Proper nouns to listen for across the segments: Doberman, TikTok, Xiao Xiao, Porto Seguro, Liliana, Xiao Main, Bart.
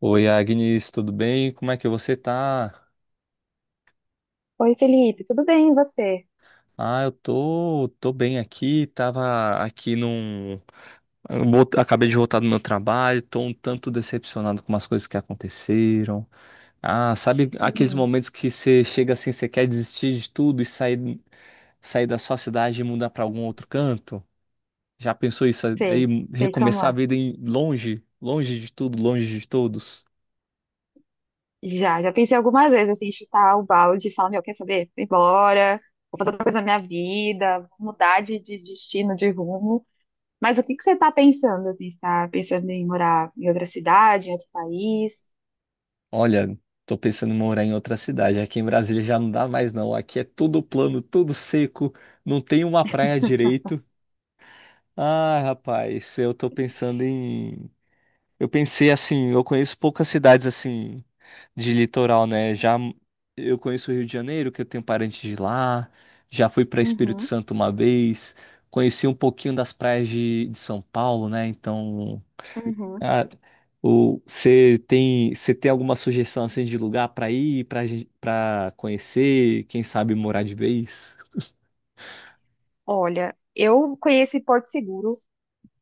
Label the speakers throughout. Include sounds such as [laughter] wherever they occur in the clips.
Speaker 1: Oi, Agnes, tudo bem? Como é que você tá?
Speaker 2: Oi, Felipe, tudo bem e você?
Speaker 1: Ah, eu tô bem aqui, tava aqui Acabei de voltar do meu trabalho, tô um tanto decepcionado com umas coisas que aconteceram. Ah, sabe aqueles
Speaker 2: Hum,
Speaker 1: momentos que você chega assim, você quer desistir de tudo e sair, sair da sua cidade e mudar pra algum outro canto? Já pensou isso
Speaker 2: sei,
Speaker 1: aí,
Speaker 2: sei como
Speaker 1: recomeçar a
Speaker 2: é.
Speaker 1: vida em longe, longe de tudo, longe de todos?
Speaker 2: Já pensei algumas vezes assim, em chutar o balde e falar, meu, quer saber? Vou embora, vou fazer outra coisa na minha vida, vou mudar de destino, de rumo. Mas o que que você está pensando, assim? Você tá pensando em morar em outra cidade, em outro país?
Speaker 1: Olha, tô pensando em morar em outra cidade. Aqui em Brasília já não dá mais, não. Aqui é tudo plano, tudo seco, não tem uma praia direito. Ah, rapaz, eu tô pensando em. Eu pensei assim, eu conheço poucas cidades assim de litoral, né? Já eu conheço o Rio de Janeiro, que eu tenho parentes de lá. Já fui para Espírito
Speaker 2: Uhum,
Speaker 1: Santo uma vez. Conheci um pouquinho das praias de São Paulo, né? Então.
Speaker 2: uhum.
Speaker 1: Ah, você tem alguma sugestão assim de lugar para ir, para conhecer, quem sabe morar de vez?
Speaker 2: Olha, eu conheci Porto Seguro,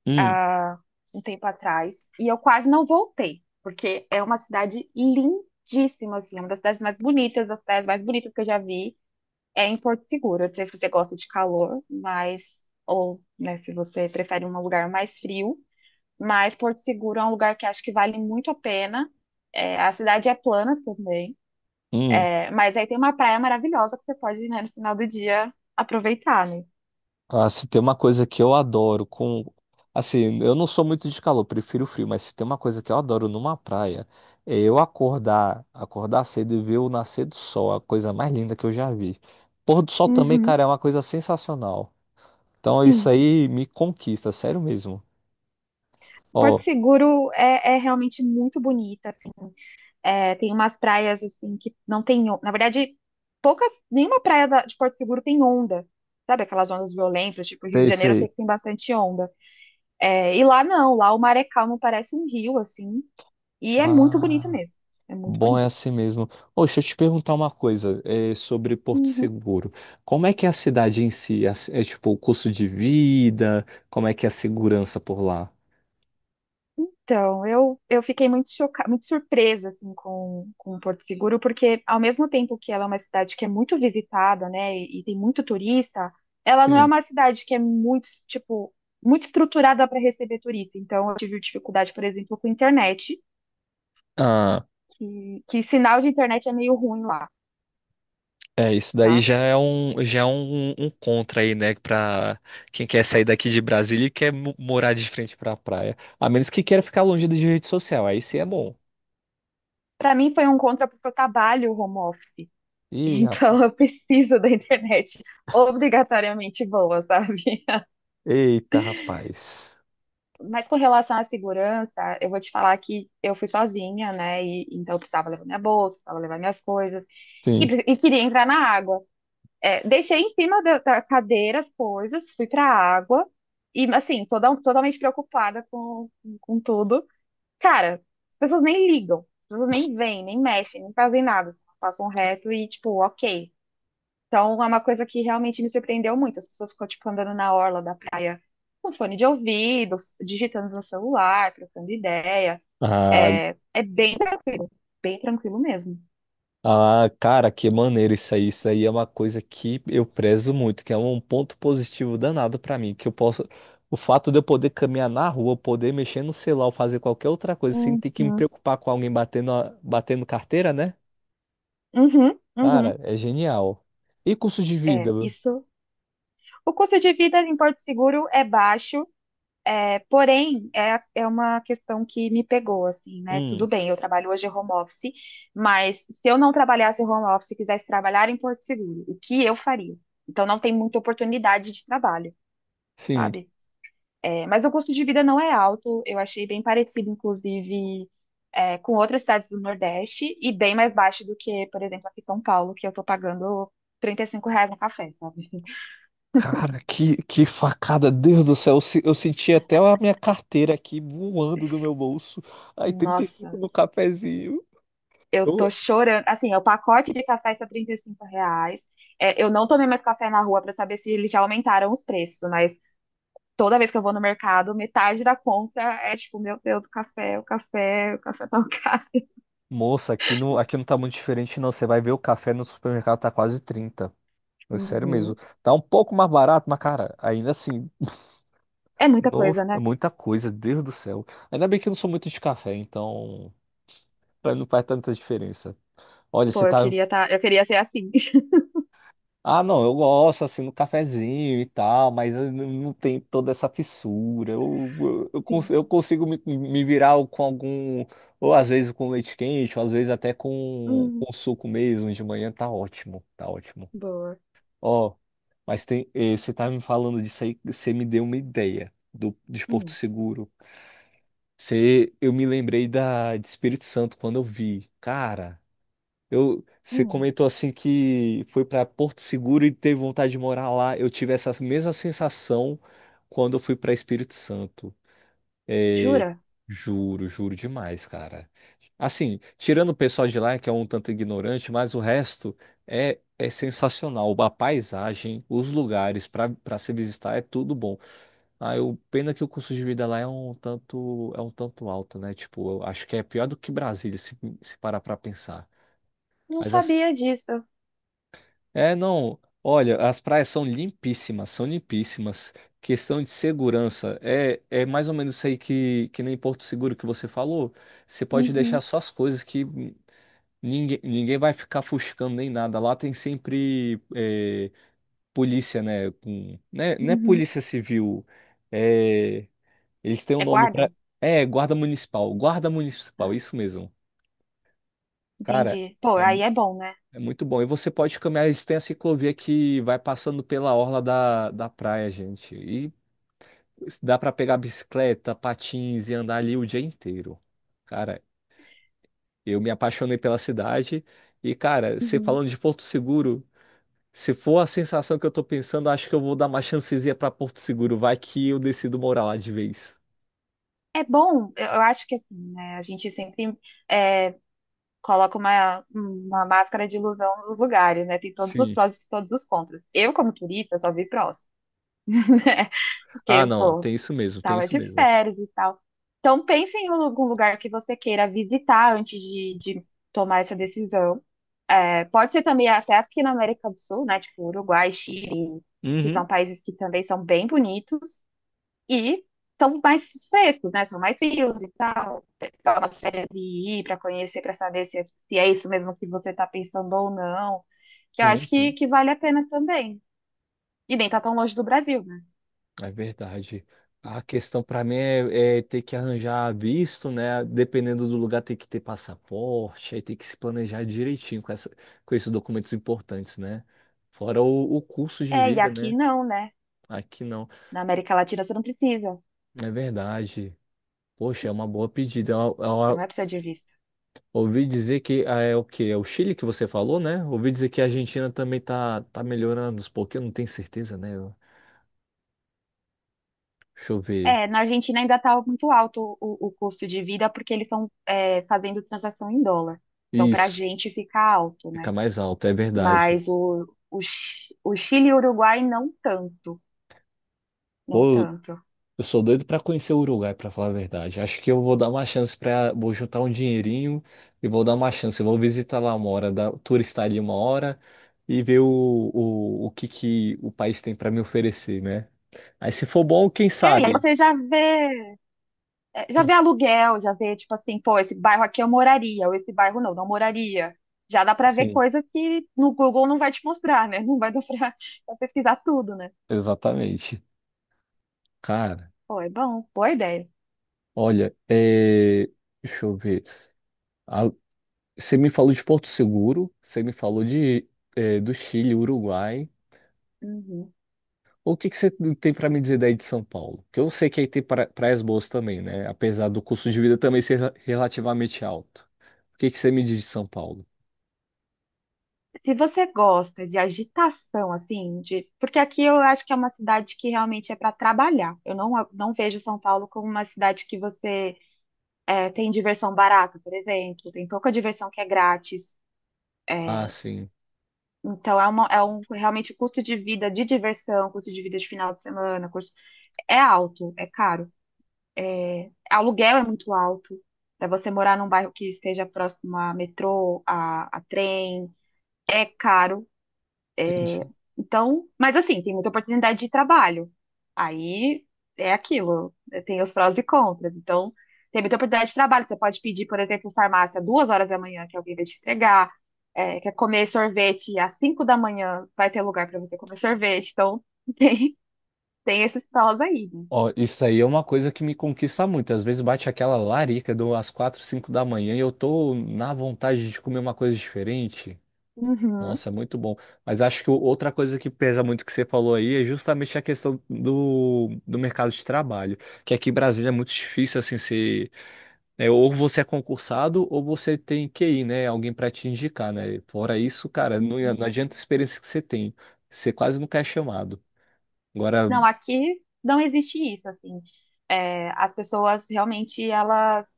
Speaker 1: Hum,
Speaker 2: ah, um tempo atrás e eu quase não voltei, porque é uma cidade lindíssima, assim, é uma das cidades mais bonitas, das praias mais bonitas que eu já vi. É em Porto Seguro. Eu não sei se você gosta de calor, mas ou, né, se você prefere um lugar mais frio, mas Porto Seguro é um lugar que acho que vale muito a pena. É, a cidade é plana também,
Speaker 1: hum.
Speaker 2: é, mas aí tem uma praia maravilhosa que você pode, né, no final do dia aproveitar, né?
Speaker 1: Ah, se tem uma coisa que eu adoro com assim, eu não sou muito de calor, prefiro frio, mas se tem uma coisa que eu adoro numa praia, é eu acordar, acordar cedo e ver o nascer do sol, a coisa mais linda que eu já vi. Pôr do sol também,
Speaker 2: Uhum,
Speaker 1: cara, é uma coisa sensacional. Então isso
Speaker 2: sim.
Speaker 1: aí me conquista, sério mesmo.
Speaker 2: Porto
Speaker 1: Ó,
Speaker 2: Seguro é realmente muito bonita, assim. É, tem umas praias assim que não tem, na verdade, poucas, nenhuma praia de Porto Seguro tem onda. Sabe aquelas ondas violentas, tipo Rio de
Speaker 1: sei,
Speaker 2: Janeiro, eu sei
Speaker 1: sei.
Speaker 2: que tem bastante onda. É, e lá não, lá o mar é calmo, parece um rio assim, e é muito bonito
Speaker 1: Ah.
Speaker 2: mesmo. É muito
Speaker 1: Bom, é
Speaker 2: bonito.
Speaker 1: assim mesmo. Ô, deixa eu te perguntar uma coisa, é, sobre Porto
Speaker 2: Uhum.
Speaker 1: Seguro. Como é que é a cidade em si? É, tipo o custo de vida? Como é que é a segurança por lá?
Speaker 2: Então, eu fiquei muito chocada, muito surpresa assim com Porto Seguro, porque ao mesmo tempo que ela é uma cidade que é muito visitada, né, e tem muito turista, ela não é
Speaker 1: Sim.
Speaker 2: uma cidade que é muito, tipo, muito estruturada para receber turista. Então, eu tive dificuldade, por exemplo, com internet,
Speaker 1: Ah,
Speaker 2: que sinal de internet é meio ruim lá,
Speaker 1: é, isso daí
Speaker 2: tá?
Speaker 1: já é um contra aí, né? Pra quem quer sair daqui de Brasília e quer morar de frente pra praia. A menos que queira ficar longe de rede social, aí sim é bom.
Speaker 2: Para mim foi um contra porque eu trabalho home office. [laughs]
Speaker 1: Ih, rapaz.
Speaker 2: Então, eu preciso da internet obrigatoriamente boa, sabe?
Speaker 1: Eita, rapaz.
Speaker 2: Mas com relação à segurança, eu vou te falar que eu fui sozinha, né? E, então eu precisava levar minha bolsa, precisava levar minhas coisas. E,
Speaker 1: Sim.
Speaker 2: e queria entrar na água. É, deixei em cima da, da cadeira as coisas, fui pra água. E assim, toda, totalmente preocupada com tudo. Cara, as pessoas nem ligam. As pessoas nem vêm, nem mexem, nem fazem nada. Só passam reto e tipo, ok. Então, é uma coisa que realmente me surpreendeu muito. As pessoas ficam, tipo, andando na orla da praia com fone de ouvido, digitando no celular, trocando ideia.
Speaker 1: Ah.
Speaker 2: É, é bem, bem tranquilo mesmo.
Speaker 1: Ah, cara, que maneiro isso aí. Isso aí é uma coisa que eu prezo muito, que é um ponto positivo danado pra mim, que eu posso, o fato de eu poder caminhar na rua, poder mexer no celular, ou fazer qualquer outra coisa sem
Speaker 2: Uhum,
Speaker 1: ter que me preocupar com alguém batendo, batendo carteira, né?
Speaker 2: uhum, uhum.
Speaker 1: Cara, é genial. E custo de vida?
Speaker 2: É,
Speaker 1: Meu?
Speaker 2: isso. O custo de vida em Porto Seguro é baixo, é, porém, é uma questão que me pegou, assim, né? Tudo
Speaker 1: Hum,
Speaker 2: bem, eu trabalho hoje home office, mas se eu não trabalhasse home office e quisesse trabalhar em Porto Seguro, o que eu faria? Então, não tem muita oportunidade de trabalho,
Speaker 1: sim.
Speaker 2: sabe? É, mas o custo de vida não é alto, eu achei bem parecido, inclusive, é, com outras cidades do Nordeste e bem mais baixo do que, por exemplo, aqui em São Paulo, que eu tô pagando R$ 35 no café, sabe?
Speaker 1: Cara, que facada, Deus do céu. Eu, se- eu senti até a minha carteira aqui voando do meu bolso. Aí, 35
Speaker 2: Nossa,
Speaker 1: no cafezinho.
Speaker 2: eu tô chorando. Assim, é o pacote de café está R$ 35. É, eu não tomei mais café na rua pra saber se eles já aumentaram os preços, mas toda vez que eu vou no mercado, metade da conta é tipo, meu Deus, o café, o café, o café tá [laughs] caro.
Speaker 1: Moça, aqui não tá muito diferente, não. Você vai ver o café no supermercado tá quase 30. É sério mesmo.
Speaker 2: Uhum.
Speaker 1: Tá um pouco mais barato, mas, cara, ainda assim,
Speaker 2: É
Speaker 1: [laughs]
Speaker 2: muita
Speaker 1: não,
Speaker 2: coisa,
Speaker 1: é
Speaker 2: né?
Speaker 1: muita coisa, Deus do céu. Ainda bem que eu não sou muito de café, então pra mim não faz tanta diferença. Olha, você
Speaker 2: Pô, eu
Speaker 1: tá.
Speaker 2: queria tá, eu queria ser assim.
Speaker 1: Ah, não, eu gosto assim no cafezinho e tal, mas eu não tem toda essa fissura. Eu
Speaker 2: [laughs]
Speaker 1: consigo me virar com algum. Ou às vezes com leite quente, ou às vezes até com,
Speaker 2: Hum,
Speaker 1: com suco mesmo de manhã, tá ótimo, tá ótimo.
Speaker 2: boa.
Speaker 1: Ó, mas tem, você tá me falando disso aí, você me deu uma ideia de Porto
Speaker 2: Hum,
Speaker 1: Seguro. Eu me lembrei de Espírito Santo quando eu vi. Cara, você
Speaker 2: hum.
Speaker 1: comentou assim que foi para Porto Seguro e teve vontade de morar lá. Eu tive essa mesma sensação quando eu fui para Espírito Santo. É,
Speaker 2: Jura?
Speaker 1: juro, juro demais, cara. Assim, tirando o pessoal de lá, que é um tanto ignorante, mas o resto é sensacional. A paisagem, os lugares para se visitar é tudo bom. Ah, pena que o custo de vida lá é um tanto alto, né? Tipo, eu acho que é pior do que Brasília, se parar para pensar.
Speaker 2: Não
Speaker 1: Mas assim,
Speaker 2: sabia disso.
Speaker 1: é, não. Olha, as praias são limpíssimas, são limpíssimas. Questão de segurança. É mais ou menos isso aí que nem Porto Seguro que você falou. Você pode deixar
Speaker 2: Uhum,
Speaker 1: só as coisas que ninguém vai ficar fuscando nem nada. Lá tem sempre polícia, né? Com, né? Não é
Speaker 2: uhum.
Speaker 1: polícia civil. É, eles têm um
Speaker 2: É
Speaker 1: nome
Speaker 2: guarda?
Speaker 1: para. É, guarda municipal. Guarda municipal,
Speaker 2: Ah,
Speaker 1: isso mesmo. Cara.
Speaker 2: entendi. Pô,
Speaker 1: é
Speaker 2: aí é bom, né?
Speaker 1: É muito bom. E você pode caminhar, eles têm a ciclovia que vai passando pela orla da praia, gente. E dá para pegar bicicleta, patins e andar ali o dia inteiro. Cara, eu me apaixonei pela cidade. E, cara, você
Speaker 2: Uhum.
Speaker 1: falando de Porto Seguro, se for a sensação que eu tô pensando, acho que eu vou dar uma chancezinha para Porto Seguro. Vai que eu decido morar lá de vez.
Speaker 2: É bom, eu acho que assim, né? A gente sempre é, coloca uma máscara de ilusão nos lugares, né? Tem todos os
Speaker 1: Sim.
Speaker 2: prós e todos os contras. Eu, como turista, só vi prós, [laughs] né?
Speaker 1: Ah,
Speaker 2: Porque,
Speaker 1: não,
Speaker 2: pô,
Speaker 1: tem isso mesmo, tem
Speaker 2: tava
Speaker 1: isso
Speaker 2: de
Speaker 1: mesmo.
Speaker 2: férias e tal. Então, pense em algum lugar que você queira visitar antes de tomar essa decisão. É, pode ser também até aqui na América do Sul, né? Tipo Uruguai, Chile, que
Speaker 1: Uhum.
Speaker 2: são países que também são bem bonitos e são mais frescos, né? São mais frios e tal. Pegar umas férias e ir para conhecer, para saber se é, se é isso mesmo que você está pensando ou não. Que eu
Speaker 1: Sim,
Speaker 2: acho que,
Speaker 1: sim.
Speaker 2: que vale a pena também. E nem tá tão longe do Brasil, né?
Speaker 1: É verdade. A questão para mim é ter que arranjar visto, né? Dependendo do lugar, tem que ter passaporte, aí tem que se planejar direitinho com esses documentos importantes, né? Fora o custo de
Speaker 2: É, e
Speaker 1: vida,
Speaker 2: aqui
Speaker 1: né?
Speaker 2: não, né?
Speaker 1: Aqui não.
Speaker 2: Na América Latina você não precisa.
Speaker 1: É verdade. Poxa, é uma boa pedida. Eu-
Speaker 2: Você não
Speaker 1: eu-
Speaker 2: vai precisar de visto.
Speaker 1: ouvi dizer que ah, é o quê? É o Chile que você falou, né? Ouvi dizer que a Argentina também tá melhorando, porque eu não tenho certeza, né? Deixa eu ver.
Speaker 2: É, na Argentina ainda está muito alto o custo de vida porque eles estão é, fazendo transação em dólar. Então, para a
Speaker 1: Isso,
Speaker 2: gente fica alto,
Speaker 1: fica
Speaker 2: né?
Speaker 1: mais alto, é verdade.
Speaker 2: Mas o, o Chile e o Uruguai não tanto, não
Speaker 1: Pô,
Speaker 2: tanto.
Speaker 1: eu sou doido pra conhecer o Uruguai, pra falar a verdade. Acho que eu vou dar uma chance para, vou juntar um dinheirinho e vou dar uma chance. Vou visitar lá uma hora, turistar ali uma hora e ver o que que o país tem pra me oferecer, né? Aí se for bom, quem
Speaker 2: É, e aí
Speaker 1: sabe?
Speaker 2: você já vê, é, já
Speaker 1: Hum,
Speaker 2: vê aluguel, já vê, tipo assim, pô, esse bairro aqui eu moraria, ou esse bairro não, não moraria. Já dá para ver
Speaker 1: Sim,
Speaker 2: coisas que no Google não vai te mostrar, né? Não vai dar para pesquisar tudo, né?
Speaker 1: exatamente. Cara,
Speaker 2: Pô, é bom, boa ideia.
Speaker 1: olha, deixa eu ver. Ah, você me falou de Porto Seguro, você me falou do Chile, Uruguai.
Speaker 2: Uhum.
Speaker 1: O que que você tem para me dizer daí de São Paulo? Que eu sei que aí tem praias boas também, né? Apesar do custo de vida também ser relativamente alto. O que que você me diz de São Paulo?
Speaker 2: Se você gosta de agitação, assim, de porque aqui eu acho que é uma cidade que realmente é para trabalhar. Eu não, não vejo São Paulo como uma cidade que você é, tem diversão barata, por exemplo. Tem pouca diversão que é grátis.
Speaker 1: Ah,
Speaker 2: É,
Speaker 1: sim.
Speaker 2: então é, uma, é um realmente o custo de vida de diversão, custo de vida de final de semana, custo, é alto, é caro. Aluguel é muito alto. Para você morar num bairro que esteja próximo a metrô, a trem, é caro.
Speaker 1: Entendi.
Speaker 2: Então, mas assim, tem muita oportunidade de trabalho. Aí é aquilo, né, tem os prós e contras. Então, tem muita oportunidade de trabalho. Você pode pedir, por exemplo, farmácia 2 horas da manhã que alguém vai te entregar. É, quer comer sorvete às 5 da manhã, vai ter lugar para você comer sorvete. Então, [laughs] tem, tem esses prós aí. Né?
Speaker 1: Ó, isso aí é uma coisa que me conquista muito. Às vezes bate aquela larica do às 4, 5 da manhã e eu tô na vontade de comer uma coisa diferente.
Speaker 2: Uhum,
Speaker 1: Nossa, é muito bom. Mas acho que outra coisa que pesa muito que você falou aí é justamente a questão do mercado de trabalho. Que aqui em Brasília é muito difícil assim ser né? Ou você é concursado ou você tem QI, né? Alguém para te indicar, né? Fora isso, cara, não, não
Speaker 2: uhum.
Speaker 1: adianta a experiência que você tem. Você quase nunca é chamado. Agora,
Speaker 2: Não, aqui não existe isso, assim. É, as pessoas realmente, elas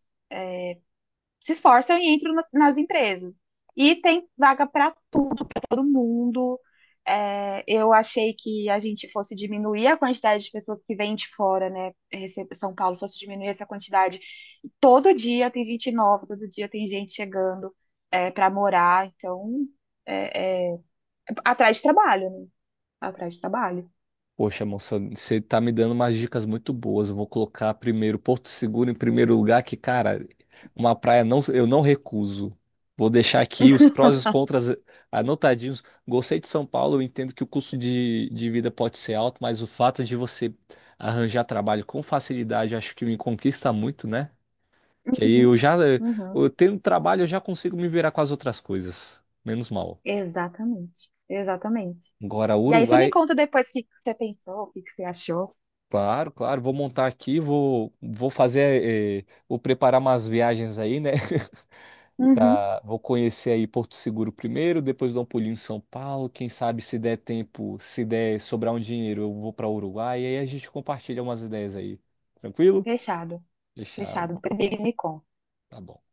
Speaker 2: se esforçam e entram nas, nas empresas. E tem vaga para tudo, para todo mundo. É, eu achei que a gente fosse diminuir a quantidade de pessoas que vêm de fora, né? São Paulo fosse diminuir essa quantidade. Todo dia tem gente nova, todo dia tem gente chegando é, para morar. Então, é, é, atrás de trabalho, né? Atrás de trabalho.
Speaker 1: poxa, moça, você tá me dando umas dicas muito boas. Eu vou colocar primeiro Porto Seguro em primeiro lugar, que, cara, uma praia não, eu não recuso. Vou deixar aqui os prós e os contras anotadinhos. Gostei de São Paulo, eu entendo que o custo de vida pode ser alto, mas o fato de você arranjar trabalho com facilidade, acho que me conquista muito, né? Que aí
Speaker 2: Uhum,
Speaker 1: eu já,
Speaker 2: uhum.
Speaker 1: eu tendo trabalho, eu já consigo me virar com as outras coisas. Menos mal.
Speaker 2: Exatamente, exatamente.
Speaker 1: Agora,
Speaker 2: E aí você me
Speaker 1: Uruguai,
Speaker 2: conta depois o que que você pensou, o que que você achou.
Speaker 1: claro, claro, vou montar aqui, vou fazer, vou preparar umas viagens aí, né? [laughs]
Speaker 2: Uhum,
Speaker 1: Vou conhecer aí Porto Seguro primeiro, depois dar um pulinho em São Paulo. Quem sabe se der tempo, se der sobrar um dinheiro, eu vou para Uruguai e aí a gente compartilha umas ideias aí. Tranquilo?
Speaker 2: fechado.
Speaker 1: Fechado.
Speaker 2: Fechado, depois ele me conta.
Speaker 1: Tá bom.